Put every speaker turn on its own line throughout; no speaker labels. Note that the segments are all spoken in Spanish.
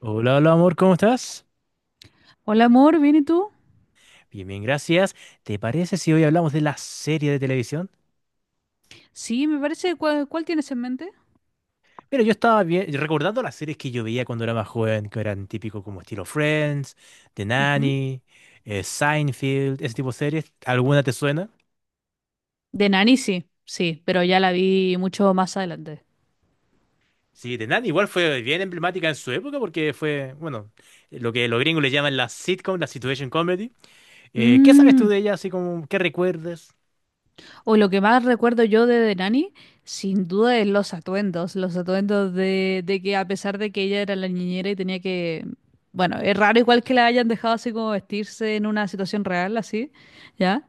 Hola, hola amor, ¿cómo estás?
Hola amor, ¿bien y tú?
Bien, bien, gracias. ¿Te parece si hoy hablamos de la serie de televisión?
Sí, me parece. ¿Cuál tienes en mente?
Mira, yo estaba bien, recordando las series que yo veía cuando era más joven, que eran típico como estilo Friends, The
Ujú.
Nanny, Seinfeld, ese tipo de series. ¿Alguna te suena?
De Nani, sí, sí, pero ya la vi mucho más adelante.
Sí, The Nanny igual fue bien emblemática en su época porque fue, bueno, lo que los gringos le llaman la sitcom, la situation comedy. ¿Qué sabes tú
Mm,
de ella? Así como, ¿qué recuerdas?
O lo que más recuerdo yo de The Nanny sin duda es los atuendos de que a pesar de que ella era la niñera y tenía que, bueno, es raro igual que la hayan dejado así como vestirse en una situación real, así, ¿ya?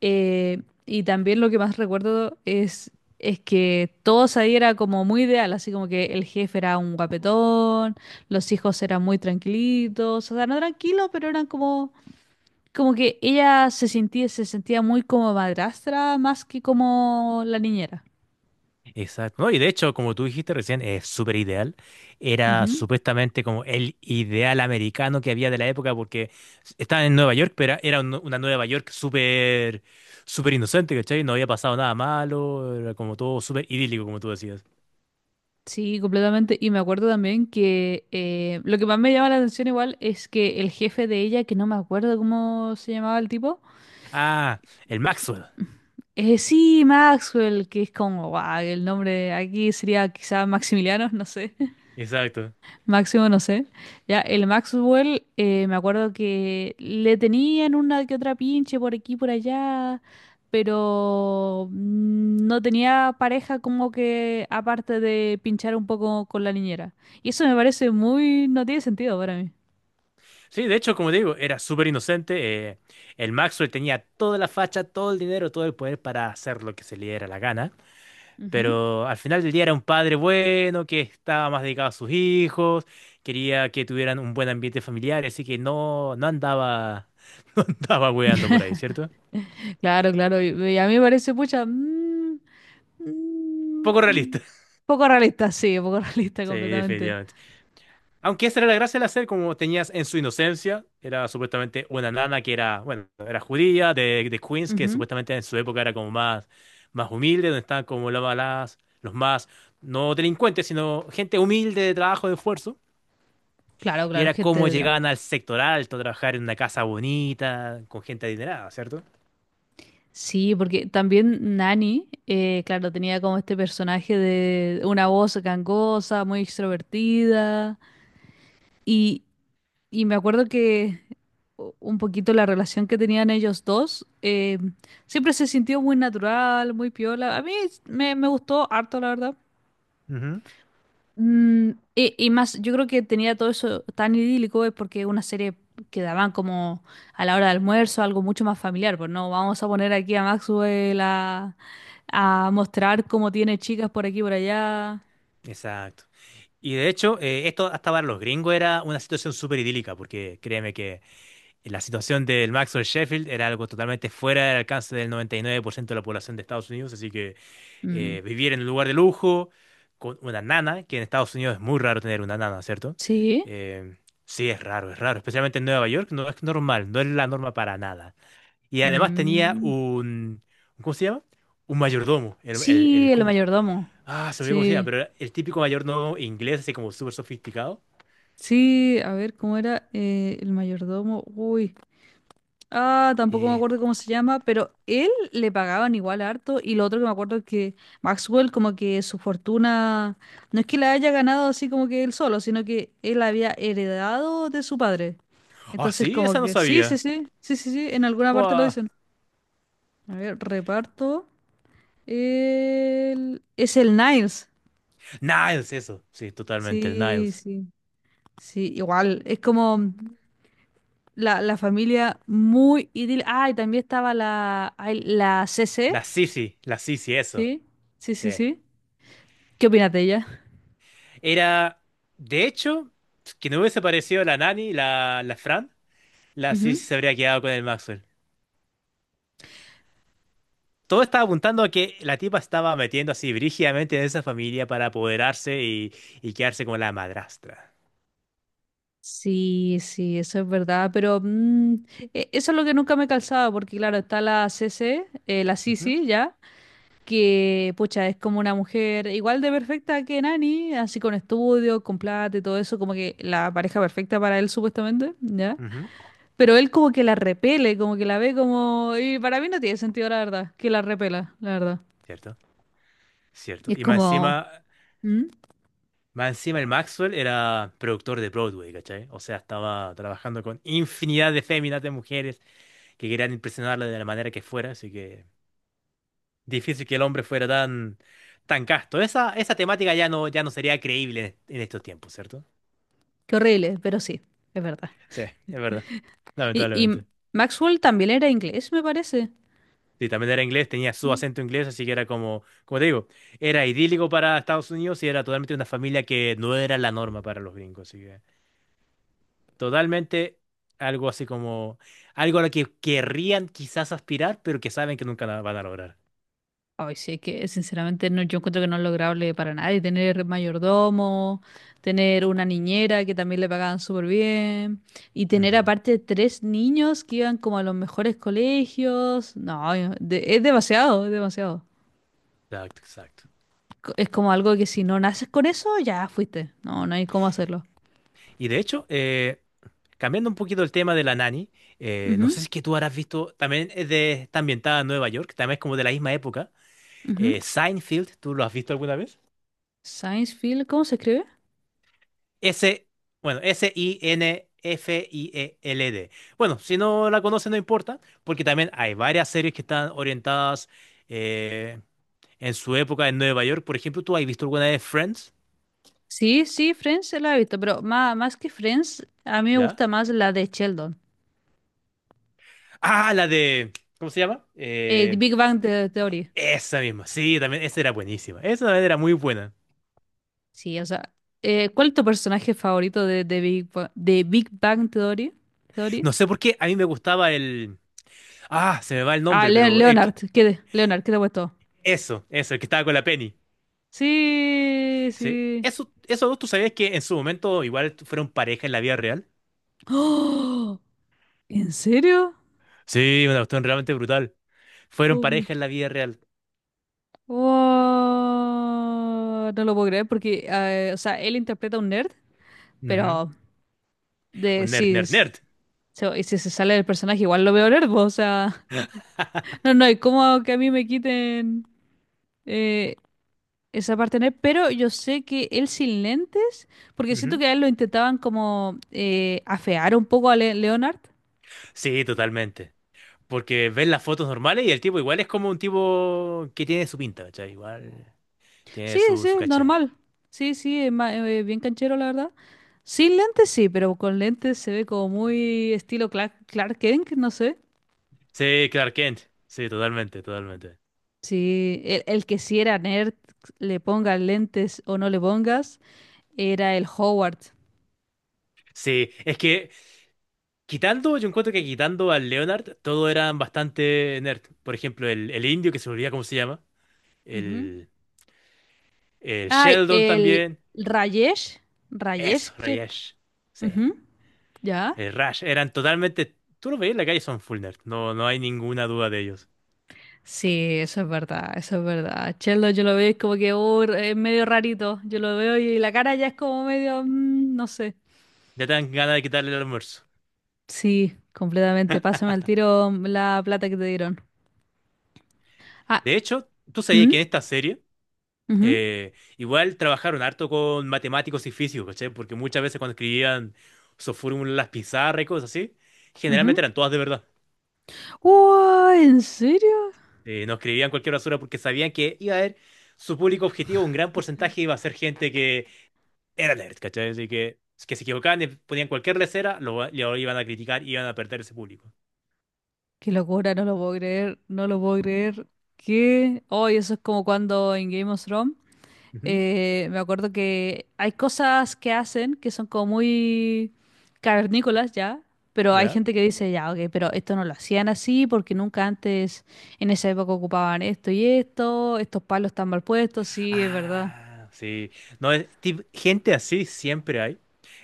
Y también lo que más recuerdo es que todos ahí era como muy ideal, así como que el jefe era un guapetón, los hijos eran muy tranquilitos, o sea, no tranquilos, pero eran como, como que ella se sentía muy como madrastra más que como la niñera.
Exacto. No, y de hecho, como tú dijiste recién, es súper ideal. Era
Ujú.
supuestamente como el ideal americano que había de la época porque estaba en Nueva York, pero era una Nueva York súper, súper inocente, ¿cachai? No había pasado nada malo, era como todo súper idílico, como tú decías.
Sí, completamente. Y me acuerdo también que lo que más me llama la atención igual es que el jefe de ella, que no me acuerdo cómo se llamaba el tipo.
Ah, el Maxwell.
Sí, Maxwell, que es como, guau, el nombre aquí sería quizá Maximiliano, no sé,
Exacto.
Máximo, no sé. Ya, el Maxwell, me acuerdo que le tenían una que otra pinche por aquí, por allá, pero no tenía pareja como que aparte de pinchar un poco con la niñera. Y eso me parece muy, no tiene sentido para mí.
Sí, de hecho, como te digo, era súper inocente. eh, el Maxwell tenía toda la facha, todo el dinero, todo el poder para hacer lo que se le diera la gana.
Ujú.
Pero al final del día era un padre bueno, que estaba más dedicado a sus hijos, quería que tuvieran un buen ambiente familiar, así que no, no andaba weando por ahí, ¿cierto?
Claro, claro, y a mí me parece, pucha, mm. Mm,
Poco realista.
mm. Poco realista, sí, poco realista
Sí,
completamente.
definitivamente. Aunque esa era la gracia de la serie, como tenías en su inocencia, era supuestamente una nana que era, bueno, era judía, de Queens, que
Ujú.
supuestamente en su época era como más humilde, donde estaban como las, los más, no delincuentes, sino gente humilde de trabajo, de esfuerzo.
Claro,
Y
claro,
era
gente
cómo
de trabajo.
llegaban al sector alto, a trabajar en una casa bonita, con gente adinerada, ¿cierto?
Sí, porque también Nani, claro, tenía como este personaje de una voz gangosa, muy extrovertida. Y, y me acuerdo que un poquito la relación que tenían ellos dos, siempre se sintió muy natural, muy piola. A mí me gustó harto, la verdad.
Ujú.
Y más, yo creo que tenía todo eso tan idílico es porque es una serie que daban como a la hora de almuerzo, algo mucho más familiar, pues no vamos a poner aquí a Maxwell a mostrar cómo tiene chicas por aquí y por allá.
Exacto. Y de hecho, esto hasta para los gringos era una situación súper idílica, porque créeme que la situación del Maxwell Sheffield era algo totalmente fuera del alcance del 99% de la población de Estados Unidos, así que
Mm,
vivir en un lugar de lujo, con una nana, que en Estados Unidos es muy raro tener una nana, ¿cierto?
sí.
Eh, sí, es raro, especialmente en Nueva York, no es normal, no es la norma para nada. Y además tenía
Mm,
un, ¿cómo se llama? Un mayordomo. El, el, el-
sí, el
¿cómo?
mayordomo.
Ah, se me olvidó cómo se llama,
Sí,
pero era el típico mayordomo inglés, así como súper sofisticado.
sí, a ver cómo era, el mayordomo. Uy. Ah, tampoco me
Eh,
acuerdo cómo se llama, pero él le pagaban igual harto y lo otro que me acuerdo es que Maxwell como que su fortuna no es que la haya ganado así como que él solo, sino que él había heredado de su padre.
ah,
Entonces
sí,
como
esa no
que sí, sí,
sabía.
sí, sí, sí, sí, en alguna parte lo
Wow.
dicen. A ver, reparto. Es el Niles.
Niles, eso. Sí, totalmente, el
Sí,
Niles.
sí, sí, igual. Es como la familia muy idílica. Ah, y también estaba la, ay, la CC.
La Sisi, eso.
Sí, sí,
Sí.
sí, sí. ¿Qué opinas de ella?
Era, de hecho, que no hubiese parecido la Nani, la Fran, la Sisi
Ujú.
se habría quedado con el Maxwell. Todo estaba apuntando a que la tipa estaba metiendo así brígidamente en esa familia para apoderarse y quedarse como la madrastra.
Sí, sí, eso es verdad, pero mm, eso es lo que nunca me calzaba, porque claro, está la C C, la
Ujú,
Sisi ya, que pucha, es como una mujer igual de perfecta que Nani, así con estudio, con plata y todo eso, como que la pareja perfecta para él supuestamente, ¿ya?
ujú.
Pero él como que la repele, como que la ve como... Y para mí no tiene sentido, la verdad, que la repela, la verdad.
Cierto,
Y
cierto.
es
Y
como... ¿Mm?
más encima el Maxwell era productor de Broadway, ¿cachai? O sea, estaba trabajando con infinidad de féminas, de mujeres que querían impresionarla de la manera que fuera, así que difícil que el hombre fuera tan, tan casto. Esa temática ya no sería creíble en estos tiempos, ¿cierto?
Qué horrible, pero sí, es verdad.
Sí, es verdad.
Y
Lamentablemente.
Maxwell también era inglés, me parece.
Sí, también era inglés, tenía su
Mm.
acento inglés, así que era como te digo, era idílico para Estados Unidos y era totalmente una familia que no era la norma para los gringos, así que totalmente algo así como, algo a lo que querrían quizás aspirar, pero que saben que nunca la van a lograr.
Ay, sí, que sinceramente no, yo encuentro que no es lograble para nadie tener mayordomo, tener una niñera que también le pagaban súper bien y tener
Ujú,
aparte 3 niños que iban como a los mejores colegios. No, es demasiado, es demasiado.
exacto, exacto.
Es como algo que si no naces con eso, ya fuiste. No, no hay cómo hacerlo.
Y de hecho, cambiando un poquito el tema de la nani, no
Ujú,
sé si es que tú habrás visto, también está ambientada en Nueva York, también es como de la misma época,
ujú.
Seinfeld, ¿tú lo has visto alguna vez?
Science Field, ¿cómo se escribe?
S, bueno, Sinfield. Bueno, si no la conocen, no importa, porque también hay varias series que están orientadas eh, en su época en Nueva York. Por ejemplo, ¿tú has visto alguna de Friends?
Sí, sí, Friends la he visto, pero más, más que Friends, a mí me
¿Ya?
gusta más la de Sheldon.
Ah, la de, ¿cómo se llama?
The
Eh,
Big Bang Theory.
esa misma, sí, también, esa era buenísima. Esa también era muy buena.
Sí, o sea, ¿cuál es tu personaje favorito de Big Bang Theory? Theory?
No sé por qué, a mí me gustaba el. Ah, se me va el
Ah,
nombre, pero el
Leonard,
que-
¿qué de? Leonard, ¿qué te ha puesto?
Eso, eso, el que estaba con la Penny.
Sí,
Sí.
sí.
Eso, ¿tú sabías que en su momento igual fueron pareja en la vida real?
¡Oh! ¿En serio?
Sí, una cuestión realmente brutal. Fueron
Um,
pareja en la vida real.
wow, no lo puedo creer porque, o sea, él interpreta a un nerd,
Ujú.
pero de
Un nerd,
si,
nerd,
es-
nerd.
se- y si se sale del personaje, igual lo veo nerd, po, o sea, no, no, y cómo que a mí me quiten eh, esa parte nerd, pero yo sé que él sin lentes, porque siento
Ujú.
que a él lo intentaban como, afear un poco a Leonard.
Sí, totalmente. Porque ven las fotos normales y el tipo igual es como un tipo que tiene su pinta, ¿cachai? Igual tiene
Sí,
su,
sí,
su caché.
normal. Sí, sí, es bien canchero, la verdad. Sin lentes sí, pero con lentes se ve como muy estilo Clark, Clark Kent, no sé.
Sí, Clark Kent. Sí, totalmente, totalmente.
Sí, el que si era nerd, le pongas lentes o no le pongas, era el Howard.
Sí, es que yo encuentro que quitando al Leonard, todos eran bastante nerd. Por ejemplo, el indio, que se me olvida cómo se llama.
Ujú.
El, el
Ay,
Sheldon
el
también.
Rayesh. Rayesh,
Eso,
che.
Rayesh. Sí.
Ujú, ¿ya?
El Rush eran totalmente. Tú lo veías en la calle, son full nerd. No, no hay ninguna duda de ellos.
Sí, eso es verdad, eso es verdad. Chelo, yo lo veo y es como que oh, es medio rarito. Yo lo veo y la cara ya es como medio, mm, no sé.
Ya te dan ganas de quitarle el almuerzo.
Sí, completamente. Pásame al tiro la plata que te dieron. Ah,
De hecho, tú sabías
¿mm?
que en esta serie,
Ujú,
igual trabajaron harto con matemáticos y físicos, ¿cachai? Porque muchas veces cuando escribían sus fórmulas, en las pizarras y cosas así,
ujú.
generalmente eran todas de verdad.
Uah, ¿en serio?
No escribían cualquier basura porque sabían que iba a haber su público objetivo, un gran porcentaje iba a ser gente que era nerd, ¿cachai? Así que se equivocaban y ponían cualquier lesera, lo iban a criticar y iban a perder ese público.
Qué locura, no lo puedo creer, no lo puedo creer. ¿Qué? Hoy eso es como cuando en Game of Thrones,
Ujú.
me acuerdo que hay cosas que hacen que son como muy cavernícolas ya, pero hay
¿Ya?
gente que dice, ya, ok, pero esto no lo hacían así porque nunca antes en esa época ocupaban esto y esto, estos palos están mal puestos, sí, es verdad.
Ah, sí. No, gente así siempre hay.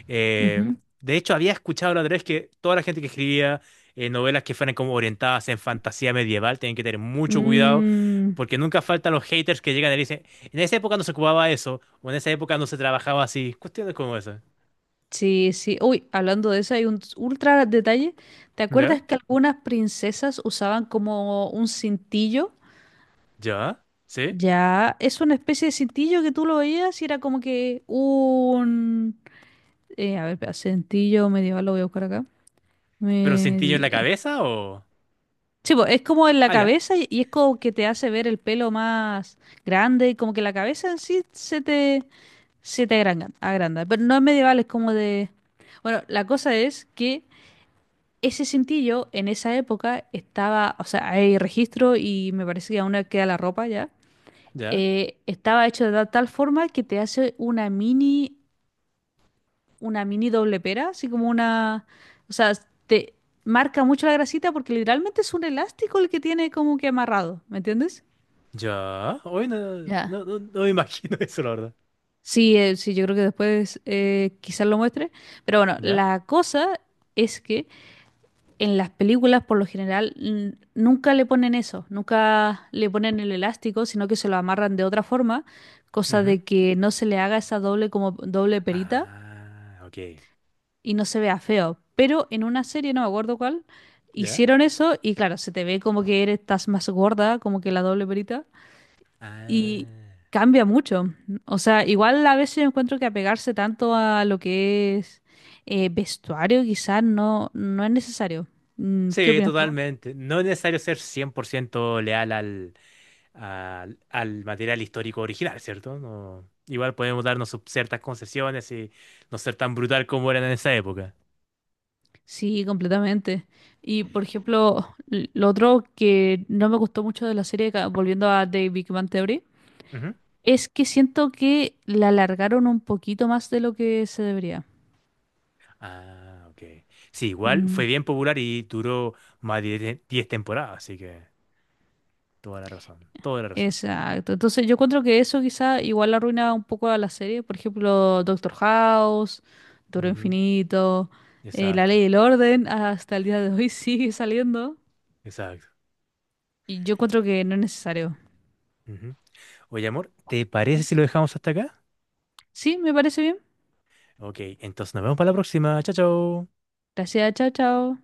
Eh,
Ujú.
de hecho, había escuchado la otra vez que toda la gente que escribía novelas que fueran como orientadas en fantasía medieval tienen que tener mucho cuidado
Mm.
porque nunca faltan los haters que llegan y dicen, en esa época no se ocupaba eso o en esa época no se trabajaba así. Cuestiones como esas.
Sí, sí. Uy, hablando de eso, hay un ultra detalle. ¿Te
¿Ya?
acuerdas que algunas princesas usaban como un cintillo?
¿Ya? ¿Sí?
Ya, es una especie de cintillo que tú lo veías y era como que un... a ver, espera, cintillo medieval, lo voy a buscar acá.
¿Pero un cintillo en la
Medi-
cabeza o?
Sí, po, es como en la
Ah, ya.
cabeza y es como que te hace ver el pelo más grande y como que la cabeza en sí se te agranda. Pero no es medieval, es como de... Bueno, la cosa es que ese cintillo en esa época estaba, o sea, hay registro y me parece que aún queda la ropa ya.
¿Ya?
Estaba hecho de tal forma que te hace una mini doble pera, así como una, o sea, te marca mucho la grasita porque literalmente es un elástico el que tiene como que amarrado, ¿me entiendes?
¿Ya? Hoy no,
Ya.
no, no, no me imagino eso, la verdad.
Sí, sí, yo creo que después, quizás lo muestre. Pero bueno,
¿Ya?
la cosa es que en las películas, por lo general, nunca le ponen eso, nunca le ponen el elástico, sino que se lo amarran de otra forma, cosa de que no se le haga esa doble como doble perita
Ah, ok.
y no se vea feo. Pero en una serie, no me acuerdo cuál,
¿Ya?
hicieron eso y claro, se te ve como que eres, estás más gorda, como que la doble perita, y
Ah.
cambia mucho. O sea, igual a veces yo encuentro que apegarse tanto a lo que es, vestuario quizás no, no es necesario. Mm, ¿qué
Sí,
opinas tú?
totalmente. No es necesario ser 100% leal al material histórico original, ¿cierto? Igual podemos darnos ciertas concesiones y no ser tan brutal como eran en esa época.
Sí, completamente. Y por ejemplo, lo otro que no me gustó mucho de la serie, volviendo a The Big Bang Theory,
Ujú.
es que siento que la alargaron un poquito más de lo que se debería.
Ah, ok. Sí, igual
Mm.
fue bien popular y duró más de 10 10 temporadas, así que toda la razón, toda la razón.
Exacto. Entonces yo encuentro que eso quizá igual arruina un poco a la serie. Por ejemplo, Doctor House, Toro
Ujú.
Infinito, La
Exacto,
Ley y el Orden, hasta el día de hoy sigue saliendo.
exacto.
Y yo encuentro que no es necesario.
Ujú. Oye, amor, ¿te parece si lo dejamos hasta acá?
Sí, me parece bien.
Ok, entonces nos vemos para la próxima. Chao, chao.
Gracias, chao, chao.